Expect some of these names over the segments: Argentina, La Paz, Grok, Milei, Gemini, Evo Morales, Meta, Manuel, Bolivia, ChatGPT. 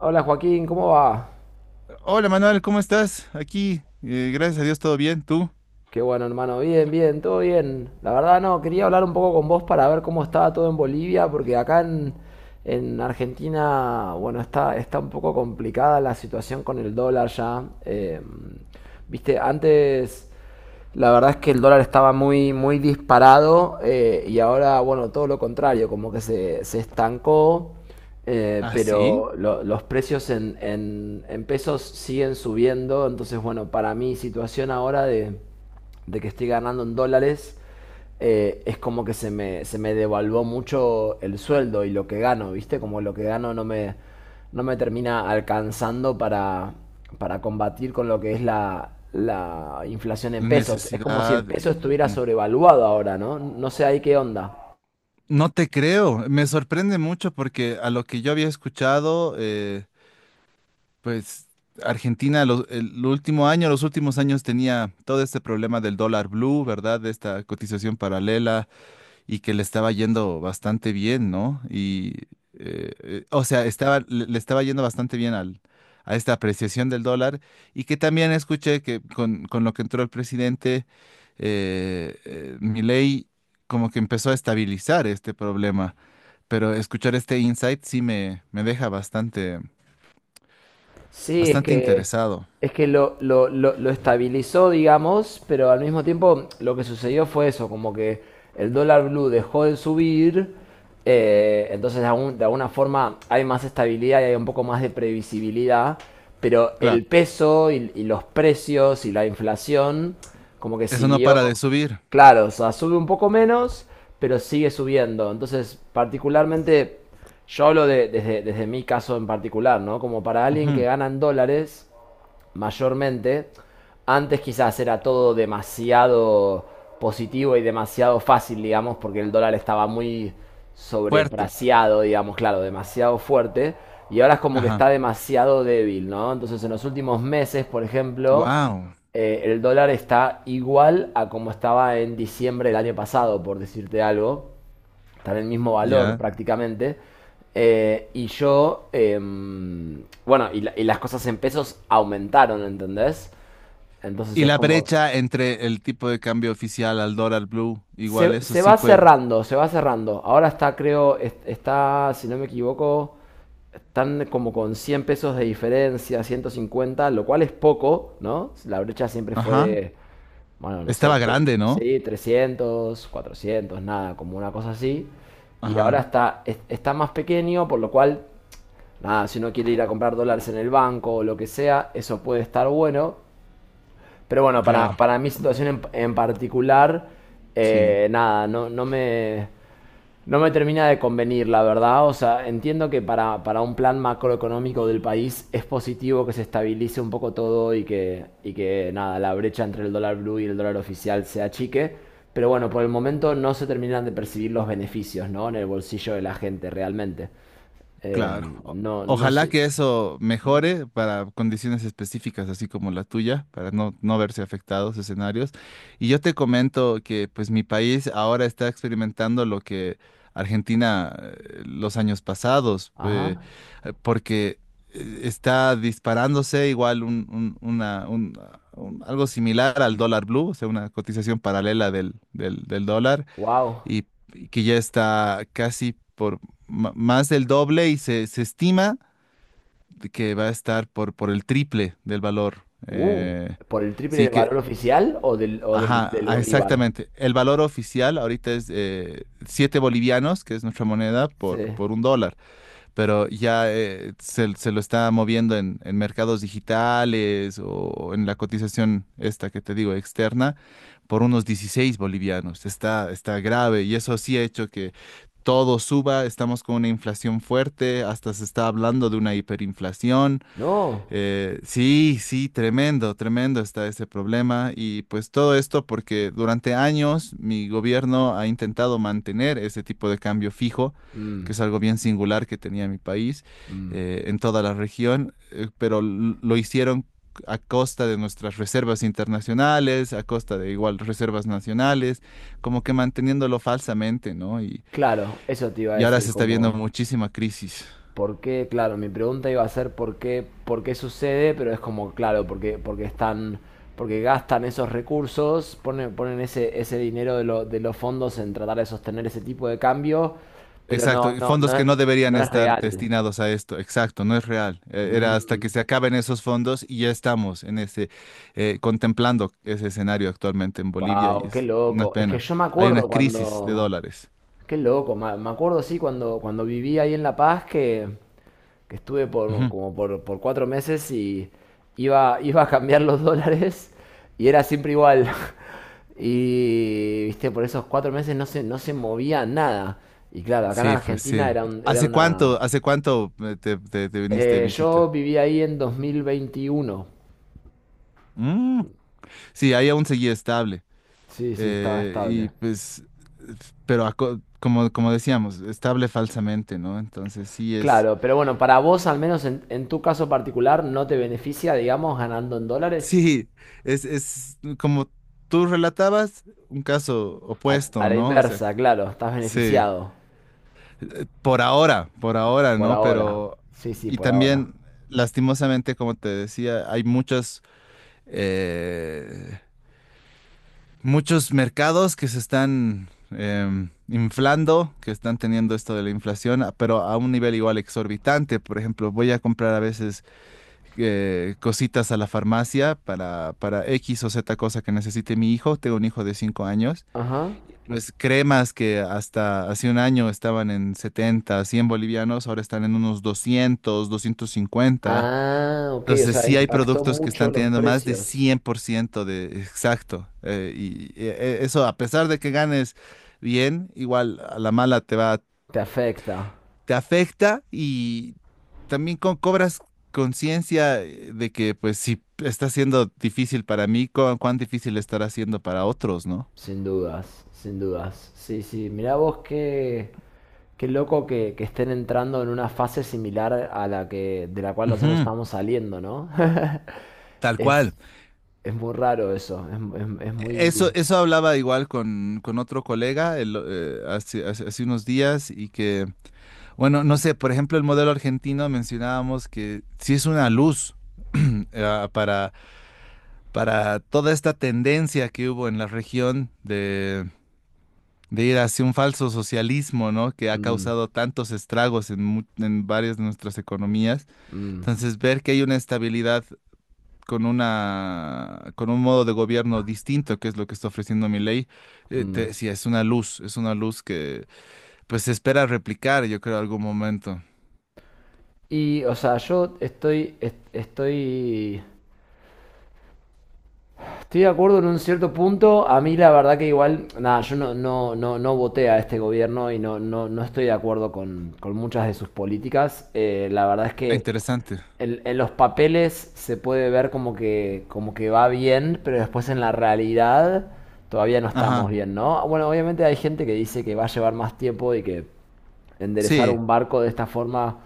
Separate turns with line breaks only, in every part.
Hola Joaquín, ¿cómo va?
Hola Manuel, ¿cómo estás? Aquí, gracias a Dios, todo bien. ¿Tú?
Qué bueno, hermano, bien, bien, todo bien. La verdad no, quería hablar un poco con vos para ver cómo estaba todo en Bolivia, porque acá en Argentina, bueno, está un poco complicada la situación con el dólar ya. Viste, antes. La verdad es que el dólar estaba muy, muy disparado y ahora, bueno, todo lo contrario, como que se estancó,
¿Ah, sí?
pero los precios en pesos siguen subiendo. Entonces, bueno, para mi situación ahora de que estoy ganando en dólares, es como que se me devaluó mucho el sueldo y lo que gano, ¿viste? Como lo que gano no me termina alcanzando para combatir con lo que es la inflación en pesos. Es como si el
Necesidad.
peso estuviera
Mm.
sobrevaluado ahora, ¿no? No sé ahí qué onda.
No te creo. Me sorprende mucho porque a lo que yo había escuchado, pues Argentina el último año, los últimos años tenía todo este problema del dólar blue, ¿verdad? De esta cotización paralela y que le estaba yendo bastante bien, ¿no? O sea, estaba, le estaba yendo bastante bien al, a esta apreciación del dólar. Y que también escuché que con lo que entró el presidente, Milei como que empezó a estabilizar este problema, pero escuchar este insight sí me deja bastante,
Sí,
bastante interesado.
es que lo estabilizó, digamos, pero al mismo tiempo lo que sucedió fue eso, como que el dólar blue dejó de subir, entonces de alguna forma hay más estabilidad y hay un poco más de previsibilidad, pero
Claro,
el peso y los precios y la inflación como que
eso no
siguió,
para de subir.
claro, o sea, sube un poco menos, pero sigue subiendo. Entonces, particularmente... Yo hablo desde mi caso en particular, ¿no? Como para alguien que
Ujú.
gana en dólares, mayormente, antes quizás era todo demasiado positivo y demasiado fácil, digamos, porque el dólar estaba muy
Fuerte.
sobrepreciado, digamos, claro, demasiado fuerte, y ahora es como que
Ajá.
está demasiado débil, ¿no? Entonces, en los últimos meses, por ejemplo,
Wow.
el dólar está igual a como estaba en diciembre del año pasado, por decirte algo, están en el mismo valor
Ya.
prácticamente. Eh, y yo, eh, bueno, y las cosas en pesos aumentaron, ¿entendés? Entonces
Y
es
la
como,
brecha entre el tipo de cambio oficial al dólar blue, igual eso
se
sí
va
fue.
cerrando, se va cerrando. Ahora está, creo, está, si no me equivoco, están como con 100 pesos de diferencia, 150, lo cual es poco, ¿no? La brecha siempre fue
Ajá.
bueno, no sé,
Estaba grande, ¿no?
sí, 300, 400 nada, como una cosa así. Y ahora
Ajá.
está, está más pequeño, por lo cual nada, si uno quiere ir a comprar dólares en el banco o lo que sea, eso puede estar bueno. Pero bueno,
Claro.
para mi situación en particular,
Sí.
nada, no me termina de convenir, la verdad. O sea, entiendo que para un plan macroeconómico del país es positivo que se estabilice un poco todo y que nada, la brecha entre el dólar blue y el dólar oficial se achique. Pero bueno, por el momento no se terminan de percibir los beneficios, ¿no? En el bolsillo de la gente realmente. Eh,
Claro.
no, no
Ojalá
sé.
que eso mejore para condiciones específicas, así como la tuya, para no, no verse afectados escenarios. Y yo te comento que pues mi país ahora está experimentando lo que Argentina los años pasados,
Ajá.
porque está disparándose igual algo similar al dólar blue, o sea, una cotización paralela del dólar.
Wow.
Y, y que ya está casi por más del doble y se estima de que va a estar por el triple del valor.
Uh, ¿Por el triple
Sí
del valor
que,
oficial o del,
ajá,
del
ah,
bolívar?
exactamente. El valor oficial ahorita es 7 bolivianos, que es nuestra moneda,
Sí.
por un dólar. Pero ya se lo está moviendo en mercados digitales o en la cotización esta que te digo externa por unos 16 bolivianos. Está grave y eso sí ha hecho que todo suba, estamos con una inflación fuerte, hasta se está hablando de una hiperinflación.
No.
Sí, sí, tremendo, tremendo está ese problema y pues todo esto porque durante años mi gobierno ha intentado mantener ese tipo de cambio fijo,
Mm,
que es algo bien singular que tenía mi país
mm.
en toda la región, pero lo hicieron a costa de nuestras reservas internacionales, a costa de igual reservas nacionales, como que manteniéndolo falsamente, ¿no? Y,
Claro, eso te iba a
y ahora
decir,
se está viendo
como,
muchísima crisis.
¿por qué? Claro, mi pregunta iba a ser por qué sucede? Pero es como, claro, porque están, porque gastan esos recursos, ponen, ponen ese, ese dinero de los fondos en tratar de sostener ese tipo de cambio, pero
Exacto, y fondos que no deberían
no es
estar
real.
destinados a esto, exacto, no es real. Era hasta que
Mm.
se acaben esos fondos y ya estamos en ese, contemplando ese escenario actualmente en Bolivia y
Wow, qué
es una
loco. Es que
pena.
yo me
Hay una
acuerdo
crisis de
cuando.
dólares.
Qué loco. Me acuerdo, sí, cuando viví ahí en La Paz que estuve por
Ujú.
por cuatro meses y iba a cambiar los dólares y era siempre igual. Y viste, por esos 4 meses no se movía nada. Y claro, acá en
Sí, pues
Argentina
sí.
era una.
Hace cuánto te viniste de
Eh, yo
visita?
viví ahí en 2021.
Mm. Sí, ahí aún seguía estable.
Sí, sí, estaba
Y
estable.
pues, pero como, como decíamos, estable falsamente, ¿no? Entonces sí es...
Claro, pero bueno, para vos, al menos en tu caso particular, no te beneficia, digamos, ganando en dólares.
Sí, es como tú relatabas, un caso
A
opuesto,
la
¿no? O sea,
inversa, claro, estás
sí,
beneficiado
por ahora,
por
¿no?
ahora.
Pero,
Sí, sí,
y
por ahora.
también, lastimosamente, como te decía, hay muchos, eh, muchos mercados que se están inflando, que están teniendo esto de la inflación, pero a un nivel igual exorbitante. Por ejemplo, voy a comprar a veces cositas a la farmacia para X o Z cosa que necesite mi hijo. Tengo un hijo de 5 años.
Ajá.
Pues cremas que hasta hace un año estaban en 70 100 bolivianos, ahora están en unos 200 250.
Ah, ok, o
Entonces
sea,
sí hay
impactó
productos que
mucho
están
los
teniendo más de
precios.
100% de exacto. Eso, a pesar de que ganes bien, igual a la mala te va,
Te afecta,
te afecta y también cobras conciencia, de que pues si está siendo difícil para mí, cuán difícil estará siendo para otros, ¿no?
sin dudas, sin dudas. Sí, sí, mirá vos qué, qué loco que estén entrando en una fase similar a la que, de la cual nosotros
Ujú,
estamos saliendo, ¿no?
tal cual.
Es, es muy raro eso, es muy...
Eso hablaba igual con otro colega el, hace unos días y que, bueno, no sé, por ejemplo, el modelo argentino mencionábamos que sí es una luz eh, para, para toda esta tendencia que hubo en la región de ir hacia un falso socialismo, ¿no? Que ha
Mm,
causado tantos estragos en varias de nuestras economías.
mm,
Entonces, ver que hay una estabilidad con una, con un modo de gobierno distinto, que es lo que está ofreciendo mi ley, te
mm.
decía, es una luz que pues se espera replicar, yo creo, algún momento.
Y, o sea, estoy Estoy de acuerdo en un cierto punto. A mí la verdad que igual, nada, yo no voté a este gobierno y no estoy de acuerdo con muchas de sus políticas. La verdad es
Ah,
que
interesante.
en los papeles se puede ver como que va bien, pero después en la realidad todavía no estamos
Ajá.
bien, ¿no? Bueno, obviamente hay gente que dice que va a llevar más tiempo y que enderezar
Sí,
un barco de esta forma,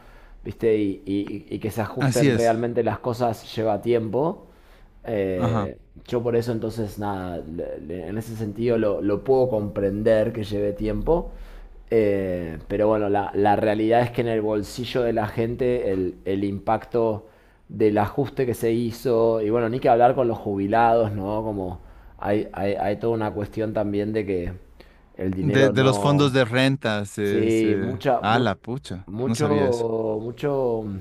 ¿viste? Y que se
así
ajusten
es.
realmente las cosas lleva tiempo.
Ajá.
Eh, yo por eso entonces, nada, en ese sentido lo puedo comprender que lleve tiempo. Pero bueno, la realidad es que en el bolsillo de la gente el impacto del ajuste que se hizo, y bueno, ni que hablar con los jubilados, ¿no? Como hay toda una cuestión también de que el
De,
dinero
de los fondos
no.
de renta, se,
Sí,
se... Ah, la pucha. No sabía eso.
mucho, mm,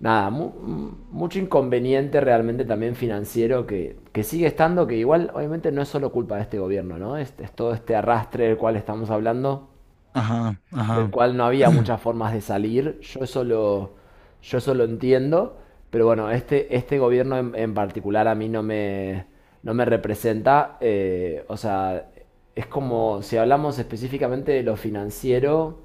nada, mucho inconveniente realmente también financiero que sigue estando, que igual obviamente no es solo culpa de este gobierno, ¿no? Es todo este arrastre del cual estamos hablando,
Ajá,
del
ajá.
cual no había muchas formas de salir, yo eso lo entiendo, pero bueno, este gobierno en particular a mí no me representa, o sea, es como si hablamos específicamente de lo financiero.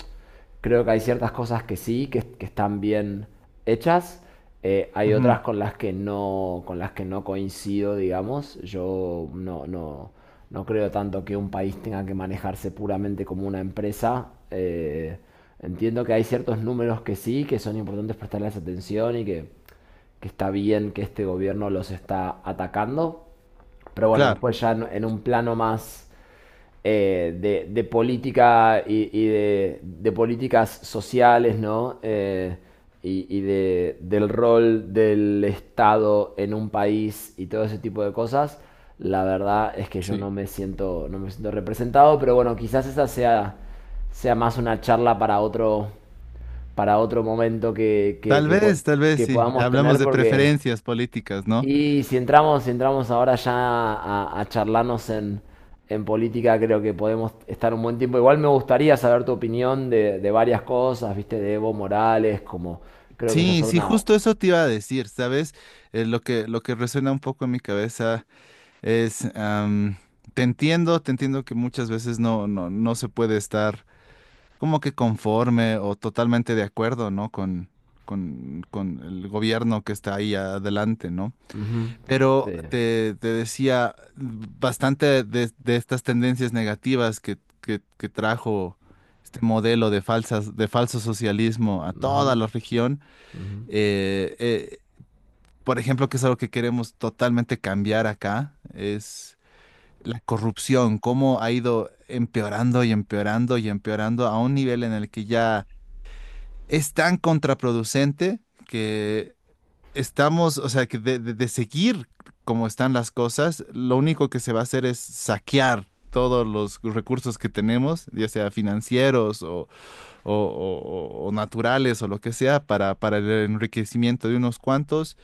Creo que hay ciertas cosas que sí, que están bien hechas. Hay otras
Ujú,
con las que no, con las que no coincido, digamos. Yo no creo tanto que un país tenga que manejarse puramente como una empresa. Entiendo que hay ciertos números que sí, que son importantes prestarles atención que está bien que este gobierno los está atacando. Pero bueno,
claro.
después ya en un plano más política políticas sociales, ¿no? Del rol del Estado en un país y todo ese tipo de cosas, la verdad es que yo
Sí.
no me siento representado, pero bueno, quizás esa sea, sea más una charla para otro momento
Tal vez
que
sí.
podamos
Hablamos
tener,
de
porque
preferencias políticas, ¿no?
si entramos ahora ya a charlarnos en política, creo que podemos estar un buen tiempo. Igual me gustaría saber tu opinión de varias cosas, viste, de Evo Morales, como creo que esa es
Sí, sí,
una...
justo eso te iba a decir, ¿sabes? Lo que resuena un poco en mi cabeza es, te entiendo que muchas veces no, no, no se puede estar como que conforme o totalmente de acuerdo, ¿no? Con el gobierno que está ahí adelante, ¿no?
Ujú,
Pero
sí,
te decía bastante de estas tendencias negativas que, que trajo este modelo de falsas, de falso socialismo a
ujú,
toda la región.
ujú.
eh, eh, por ejemplo, que es algo que queremos totalmente cambiar acá, es la corrupción, cómo ha ido empeorando y empeorando y empeorando a un nivel en el que ya es tan contraproducente que estamos, o sea, que de seguir como están las cosas, lo único que se va a hacer es saquear todos los recursos que tenemos, ya sea financieros o, o naturales o lo que sea, para el enriquecimiento de unos cuantos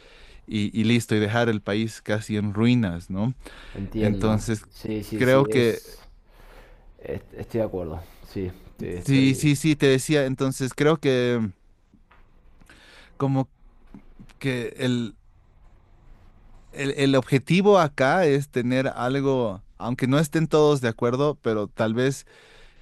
y listo, y dejar el país casi en ruinas, ¿no?
Entiendo.
Entonces,
Sí, sí,
creo
sí,
que,
es... Estoy de acuerdo. Sí, sí,
sí,
estoy...
sí, sí, te decía, entonces creo que como que el objetivo acá es tener algo, aunque no estén todos de acuerdo, pero tal vez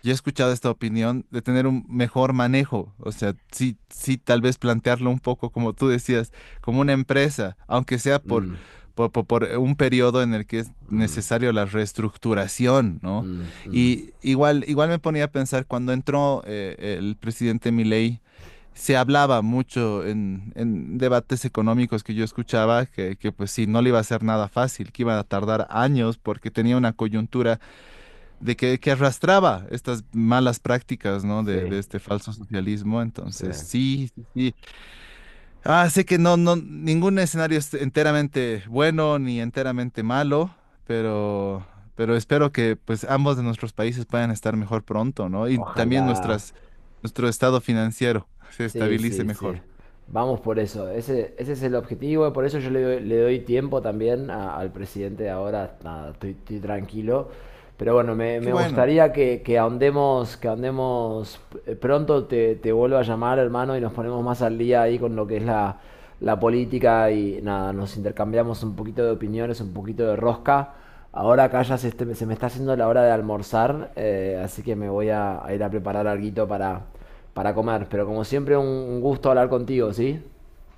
yo he escuchado esta opinión de tener un mejor manejo, o sea, sí, sí, tal vez plantearlo un poco, como tú decías, como una empresa, aunque sea
Mm,
por un periodo en el que es
mm,
necesario la reestructuración, ¿no?
mm, mm.
Y igual, igual me ponía a pensar cuando entró el presidente Milei, se hablaba mucho en debates económicos que yo escuchaba pues sí, no le iba a ser nada fácil, que iba a tardar años porque tenía una coyuntura de que arrastraba estas malas prácticas, ¿no? De,
Sí,
de este falso socialismo.
sí.
Entonces, sí, sí, sí. Ah, sé que no, no, ningún escenario es enteramente bueno ni enteramente malo, pero, pero espero que pues ambos de nuestros países puedan estar mejor pronto, ¿no? Y también
Ojalá.
nuestras, nuestro estado financiero se
Sí,
estabilice
sí, sí.
mejor.
Vamos por eso. Ese es el objetivo. Por eso yo le doy tiempo también al presidente de ahora. Nada, estoy tranquilo. Pero bueno,
Qué
me
bueno.
gustaría que ahondemos pronto. Te vuelvo a llamar, hermano, y nos ponemos más al día ahí con lo que es la política y nada, nos intercambiamos un poquito de opiniones, un poquito de rosca. Ahora acá ya se me está haciendo la hora de almorzar, así que me voy a ir a preparar alguito para comer. Pero como siempre, un gusto hablar contigo, ¿sí?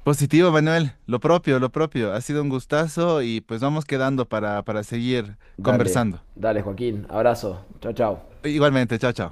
Positivo, Manuel. Lo propio, lo propio. Ha sido un gustazo y pues vamos quedando para seguir
Dale,
conversando.
dale, Joaquín. Abrazo. Chao, chao.
Igualmente, chao, chao.